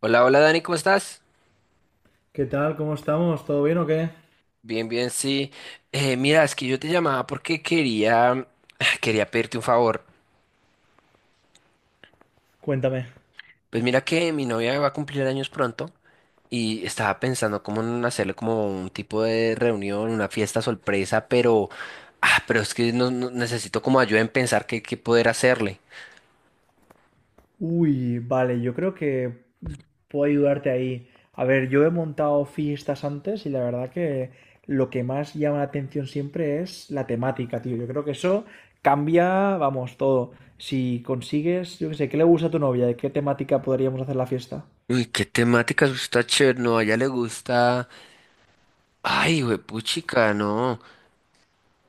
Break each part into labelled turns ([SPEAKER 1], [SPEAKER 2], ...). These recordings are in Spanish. [SPEAKER 1] Hola, hola Dani, ¿cómo estás?
[SPEAKER 2] ¿Qué tal? ¿Cómo estamos? ¿Todo bien o qué?
[SPEAKER 1] Bien, bien, sí. Mira, es que yo te llamaba porque quería pedirte un favor.
[SPEAKER 2] Cuéntame.
[SPEAKER 1] Pues mira que mi novia va a cumplir años pronto y estaba pensando cómo en hacerle como un tipo de reunión, una fiesta sorpresa, pero, ah, pero es que necesito como ayuda en pensar qué poder hacerle.
[SPEAKER 2] Uy, vale, yo creo que puedo ayudarte ahí. A ver, yo he montado fiestas antes y la verdad que lo que más llama la atención siempre es la temática, tío. Yo creo que eso cambia, vamos, todo. Si consigues, yo qué sé, ¿qué le gusta a tu novia? ¿De qué temática podríamos hacer la fiesta?
[SPEAKER 1] Uy, qué temáticas, está chévere, no, a ella le gusta. Ay, puchica, no.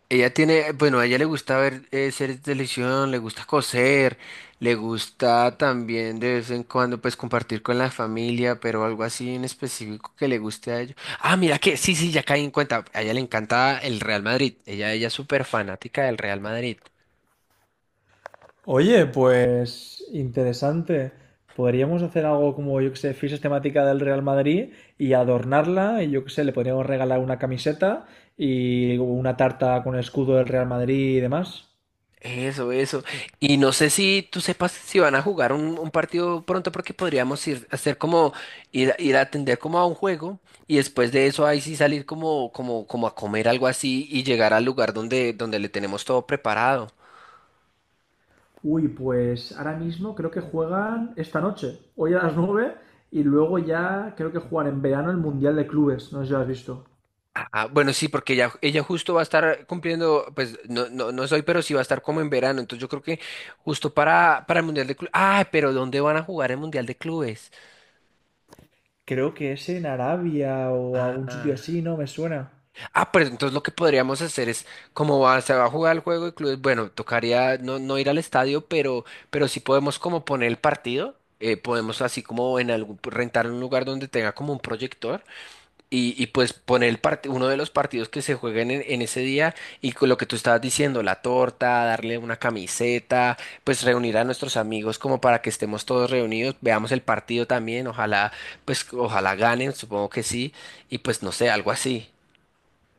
[SPEAKER 1] A ella le gusta ver series de televisión, le gusta coser, le gusta también de vez en cuando pues compartir con la familia, pero algo así en específico que le guste a ellos. Ah, mira que, sí, sí, ya caí en cuenta, a ella le encanta el Real Madrid, ella es súper fanática del Real Madrid.
[SPEAKER 2] Oye, pues interesante. Podríamos hacer algo como, yo que sé, fichas temática del Real Madrid y adornarla. Y yo que sé, le podríamos regalar una camiseta y una tarta con el escudo del Real Madrid y demás.
[SPEAKER 1] Eso, eso. Y no sé si tú sepas si van a jugar un partido pronto porque podríamos ir a hacer como ir a atender como a un juego y después de eso ahí sí salir como a comer algo así y llegar al lugar donde le tenemos todo preparado.
[SPEAKER 2] Uy, pues ahora mismo creo que juegan esta noche, hoy a las 9 y luego ya creo que juegan en verano el Mundial de Clubes. No sé si lo has visto.
[SPEAKER 1] Ah, ah, bueno, sí, porque ella justo va a estar cumpliendo, pues no, no, no soy, pero sí va a estar como en verano. Entonces yo creo que justo para el Mundial de Clubes. Ah, pero ¿dónde van a jugar el Mundial de Clubes?
[SPEAKER 2] Creo que es en Arabia o algún sitio
[SPEAKER 1] Ah.
[SPEAKER 2] así, ¿no? Me suena.
[SPEAKER 1] Ah, pero entonces lo que podríamos hacer es, como va- se va a jugar el juego de clubes, bueno, tocaría no ir al estadio, pero sí podemos como poner el partido, podemos así como en algún, rentar un lugar donde tenga como un proyector y, pues poner el part- uno de los partidos que se jueguen en ese día y con lo que tú estabas diciendo, la torta, darle una camiseta, pues reunir a nuestros amigos como para que estemos todos reunidos, veamos el partido también, ojalá, pues ojalá ganen, supongo que sí, y pues no sé, algo así.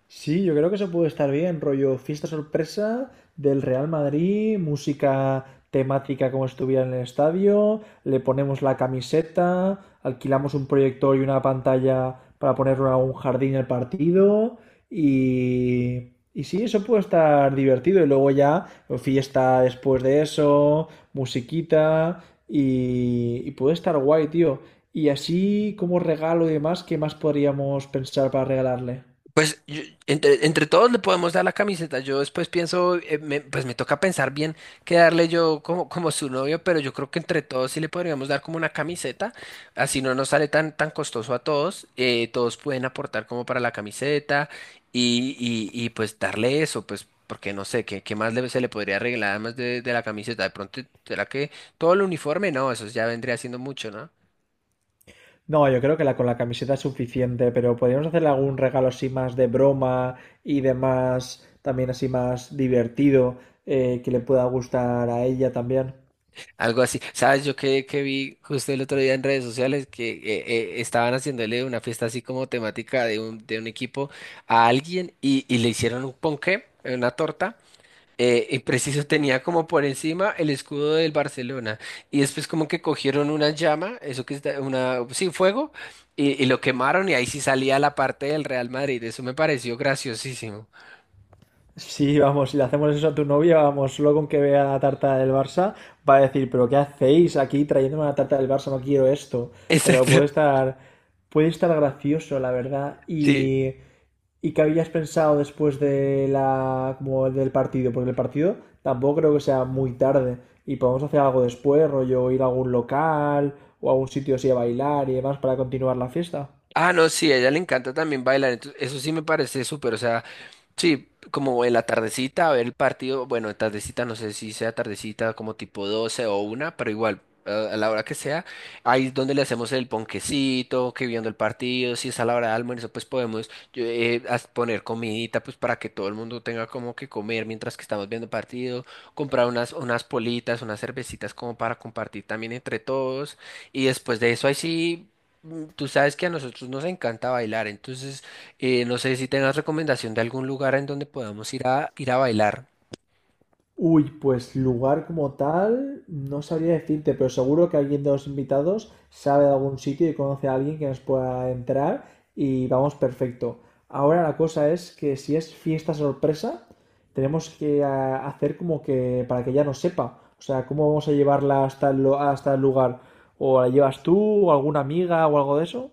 [SPEAKER 2] Sí, yo creo que eso puede estar bien, rollo fiesta sorpresa del Real Madrid, música temática como si estuviera en el estadio, le ponemos la camiseta, alquilamos un proyector y una pantalla para ponerlo en un jardín el partido y sí, eso puede estar divertido y luego ya fiesta después de eso, musiquita y puede estar guay, tío. Y así como regalo y demás, ¿qué más podríamos pensar para regalarle?
[SPEAKER 1] Pues yo- entre todos le podemos dar la camiseta. Yo después pienso, pues me toca pensar bien qué darle yo como, como su novio, pero yo creo que entre todos sí le podríamos dar como una camiseta. Así no nos sale tan costoso a todos. Todos pueden aportar como para la camiseta y, pues darle eso, pues porque no sé, ¿ qué más le- se le podría arreglar además de la camiseta? De pronto, ¿será que todo el uniforme? No, eso ya vendría siendo mucho, ¿no?
[SPEAKER 2] No, yo creo que la con la camiseta es suficiente, pero podríamos hacerle algún regalo así más de broma y demás, también así más divertido, que le pueda gustar a ella también.
[SPEAKER 1] Algo así. ¿Sabes? Que vi justo el otro día en redes sociales que estaban haciéndole una fiesta así como temática de de un equipo a alguien y le hicieron un ponqué, una torta, y preciso tenía como por encima el escudo del Barcelona. Y después como que cogieron una llama, eso que está, una, sí, fuego, y, lo quemaron y ahí sí salía la parte del Real Madrid. Eso me pareció graciosísimo.
[SPEAKER 2] Sí, vamos, si le hacemos eso a tu novia, vamos, solo con que vea la tarta del Barça, va a decir, pero ¿qué hacéis aquí trayéndome una tarta del Barça? No quiero esto. Pero
[SPEAKER 1] Exacto.
[SPEAKER 2] puede estar gracioso, la verdad.
[SPEAKER 1] Sí.
[SPEAKER 2] Y qué habías pensado después de la, como del partido, porque el partido tampoco creo que sea muy tarde. Y podemos hacer algo después, rollo ir a algún local o a algún sitio así a bailar y demás para continuar la fiesta.
[SPEAKER 1] Ah, no, sí, a ella le encanta también bailar, entonces eso sí me parece súper, o sea, sí, como en la tardecita a ver el partido, bueno, en tardecita no sé si sea tardecita como tipo 12 o una, pero igual, a la hora que sea, ahí es donde le hacemos el ponquecito, que viendo el partido, si es a la hora de almuerzo, pues podemos yo, poner comidita, pues para que todo el mundo tenga como que comer mientras que estamos viendo el partido, comprar unas politas, unas cervecitas como para compartir también entre todos. Y después de eso, ahí sí, Mm, tú sabes que a nosotros nos encanta bailar, entonces no sé si tengas recomendación de algún lugar en donde podamos ir a bailar.
[SPEAKER 2] Uy, pues lugar como tal, no sabría decirte, pero seguro que alguien de los invitados sabe de algún sitio y conoce a alguien que nos pueda entrar y vamos perfecto. Ahora la cosa es que si es fiesta sorpresa, tenemos que hacer como que para que ella no sepa. O sea, ¿cómo vamos a llevarla hasta el, lo- hasta el lugar? ¿O la llevas tú o alguna amiga o algo de eso?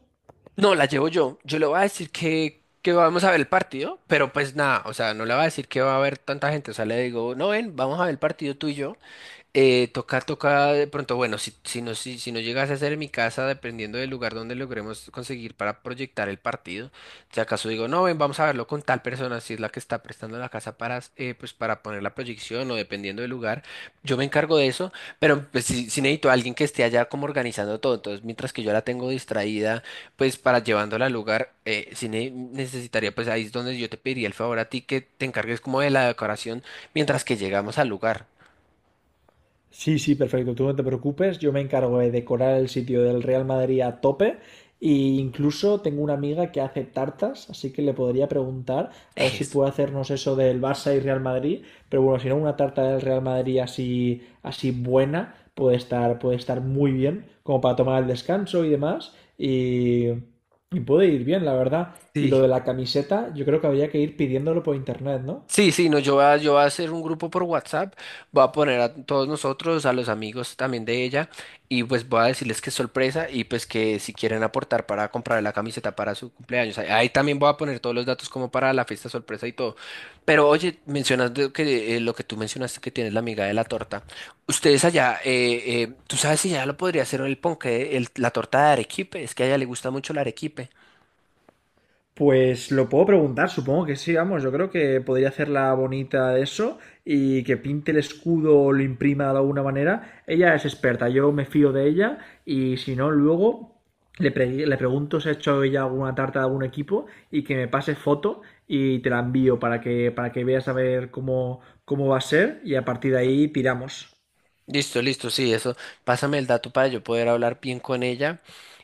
[SPEAKER 1] No, la llevo yo. Yo le voy a decir que vamos a ver el partido, pero pues nada, o sea, no le voy a decir que va a haber tanta gente. O sea, le digo, no ven, vamos a ver el partido tú y yo. Toca de pronto, bueno, si no llegase a ser en mi casa, dependiendo del lugar donde logremos conseguir para proyectar el partido, si acaso digo, no, ven, vamos a verlo con tal persona, si es la que está prestando la casa para, pues, para poner la proyección o dependiendo del lugar, yo me encargo de eso, pero pues si, si necesito a alguien que esté allá como organizando todo, entonces mientras que yo la tengo distraída, pues para llevándola al lugar, si ne- necesitaría, pues ahí es donde yo te pediría el favor a ti que te encargues como de la decoración mientras que llegamos al lugar.
[SPEAKER 2] Sí, sí, perfecto. Tú no te preocupes. Yo me encargo de decorar el sitio del Real Madrid a tope. E incluso tengo una amiga que hace tartas, así que le podría preguntar a ver si puede hacernos eso del Barça y Real Madrid. Pero bueno, si no, una tarta del Real Madrid así, así buena puede estar muy bien, como para tomar el descanso y demás. Y puede ir bien, la verdad. Y lo
[SPEAKER 1] Sí.
[SPEAKER 2] de la camiseta, yo creo que habría que ir pidiéndolo por internet, ¿no?
[SPEAKER 1] Sí, sí, no, yo voy a hacer un grupo por WhatsApp, voy a poner a todos nosotros, a los amigos también de ella, y pues voy a decirles que es sorpresa y pues que si quieren aportar para comprar la camiseta para su cumpleaños. Ahí también voy a poner todos los datos como para la fiesta sorpresa y todo. Pero oye, mencionas de que, lo que tú mencionaste que tienes la amiga de la torta. Ustedes allá, ¿tú sabes si ya lo podría hacer el ponqué, el- la torta de arequipe? Es que a ella le gusta mucho el arequipe.
[SPEAKER 2] Pues lo puedo preguntar, supongo que sí, vamos, yo creo que podría hacerla bonita eso y que pinte el escudo o lo imprima de alguna manera. Ella es experta, yo me fío de ella y si no, luego le, pre- le pregunto si ha hecho ella alguna tarta de algún equipo y que me pase foto y te la envío para que veas a ver cómo, cómo va a ser y a partir de ahí tiramos.
[SPEAKER 1] Listo, listo, sí, eso. Pásame el dato para yo poder hablar bien con ella.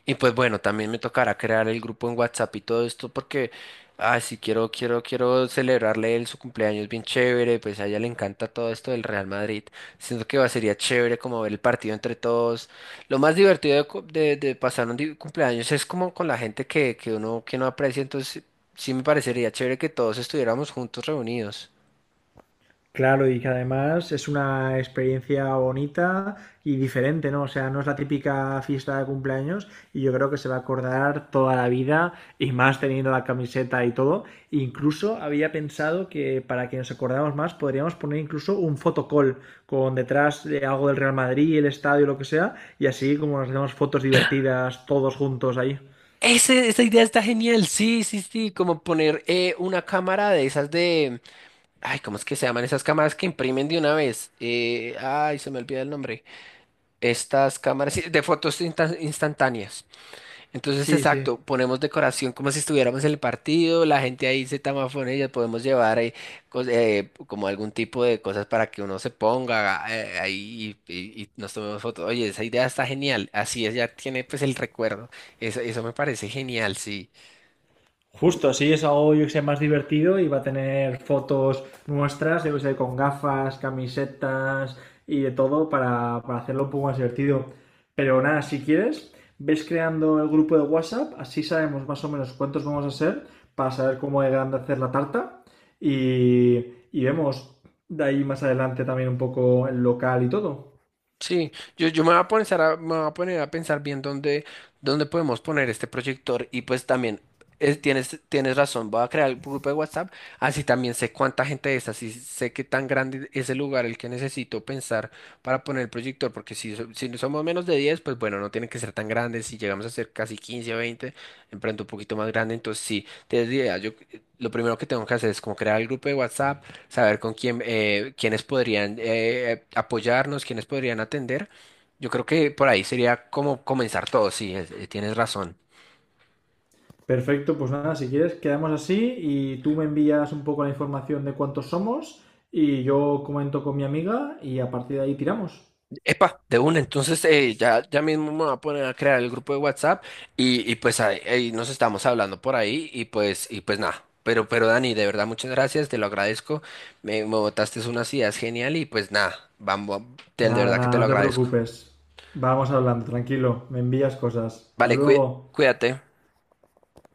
[SPEAKER 1] Y pues bueno, también me tocará crear el grupo en WhatsApp y todo esto porque, ay, quiero celebrarle él su cumpleaños bien chévere, pues a ella le encanta todo esto del Real Madrid. Siento que va, sería chévere como ver el partido entre todos. Lo más divertido de, cu- de pasar un di- cumpleaños es como con la gente que uno, que no aprecia, entonces sí me parecería chévere que todos estuviéramos juntos reunidos.
[SPEAKER 2] Claro, y que además es una experiencia bonita y diferente, ¿no? O sea, no es la típica fiesta de cumpleaños y yo creo que se va a acordar toda la vida y más teniendo la camiseta y todo. Incluso había pensado que para que nos acordáramos más podríamos poner incluso un fotocall con detrás de algo del Real Madrid, el estadio, lo que sea, y así como nos hacemos fotos divertidas todos juntos ahí.
[SPEAKER 1] Ese- esa idea está genial, sí, sí, sí, como poner una cámara de esas de... Ay, ¿cómo es que se llaman esas cámaras que imprimen de una vez? Se me olvida el nombre. Estas cámaras sí, de fotos insta- instantáneas. Entonces,
[SPEAKER 2] Sí, sí.
[SPEAKER 1] exacto, ponemos decoración como si estuviéramos en el partido, la gente ahí se tamafone y podemos llevar como algún tipo de cosas para que uno se ponga ahí y, nos tomemos fotos. Oye, esa idea está genial, así es, ya tiene pues el recuerdo. Eso me parece genial, sí.
[SPEAKER 2] Justo, así es algo yo que sea más divertido y va a tener fotos nuestras, yo que sé, con gafas, camisetas y de todo para hacerlo un poco más divertido. Pero nada, si quieres, ves creando el grupo de WhatsApp, así sabemos más o menos cuántos vamos a ser para saber cómo de grande hacer la tarta y, y vemos de ahí más adelante también un poco el local y todo.
[SPEAKER 1] Sí, yo me voy a poner a, me voy a poner a pensar bien dónde, dónde podemos poner este proyector y pues también es- tienes razón, voy a crear el grupo de WhatsApp, así también sé cuánta gente es, así sé qué tan grande es el lugar el que necesito pensar para poner el proyector, porque si, so- si no somos menos de 10 pues bueno, no tiene que ser tan grande, si llegamos a ser casi 15 o 20 en pronto un poquito más grande, entonces sí, tienes idea, yo lo primero que tengo que hacer es como crear el grupo de WhatsApp, saber con quién, quiénes podrían apoyarnos, quiénes podrían atender. Yo creo que por ahí sería como comenzar todo, sí, es- tienes razón.
[SPEAKER 2] Perfecto, pues nada, si quieres, quedamos así y tú me envías un poco la información de cuántos somos y yo comento con mi amiga y a partir de ahí tiramos.
[SPEAKER 1] Epa, de una, entonces ya mismo me voy a poner a crear el grupo de WhatsApp y pues ahí nos estamos hablando por ahí y pues nada. Pero Dani, de verdad, muchas gracias, te lo agradezco. Me botaste unas ideas genial y pues nada, vamos, te- de
[SPEAKER 2] Nada,
[SPEAKER 1] verdad que
[SPEAKER 2] nada,
[SPEAKER 1] te lo
[SPEAKER 2] no te
[SPEAKER 1] agradezco.
[SPEAKER 2] preocupes. Vamos hablando, tranquilo, me envías cosas. Hasta
[SPEAKER 1] Vale, cuí-
[SPEAKER 2] luego.
[SPEAKER 1] cuídate.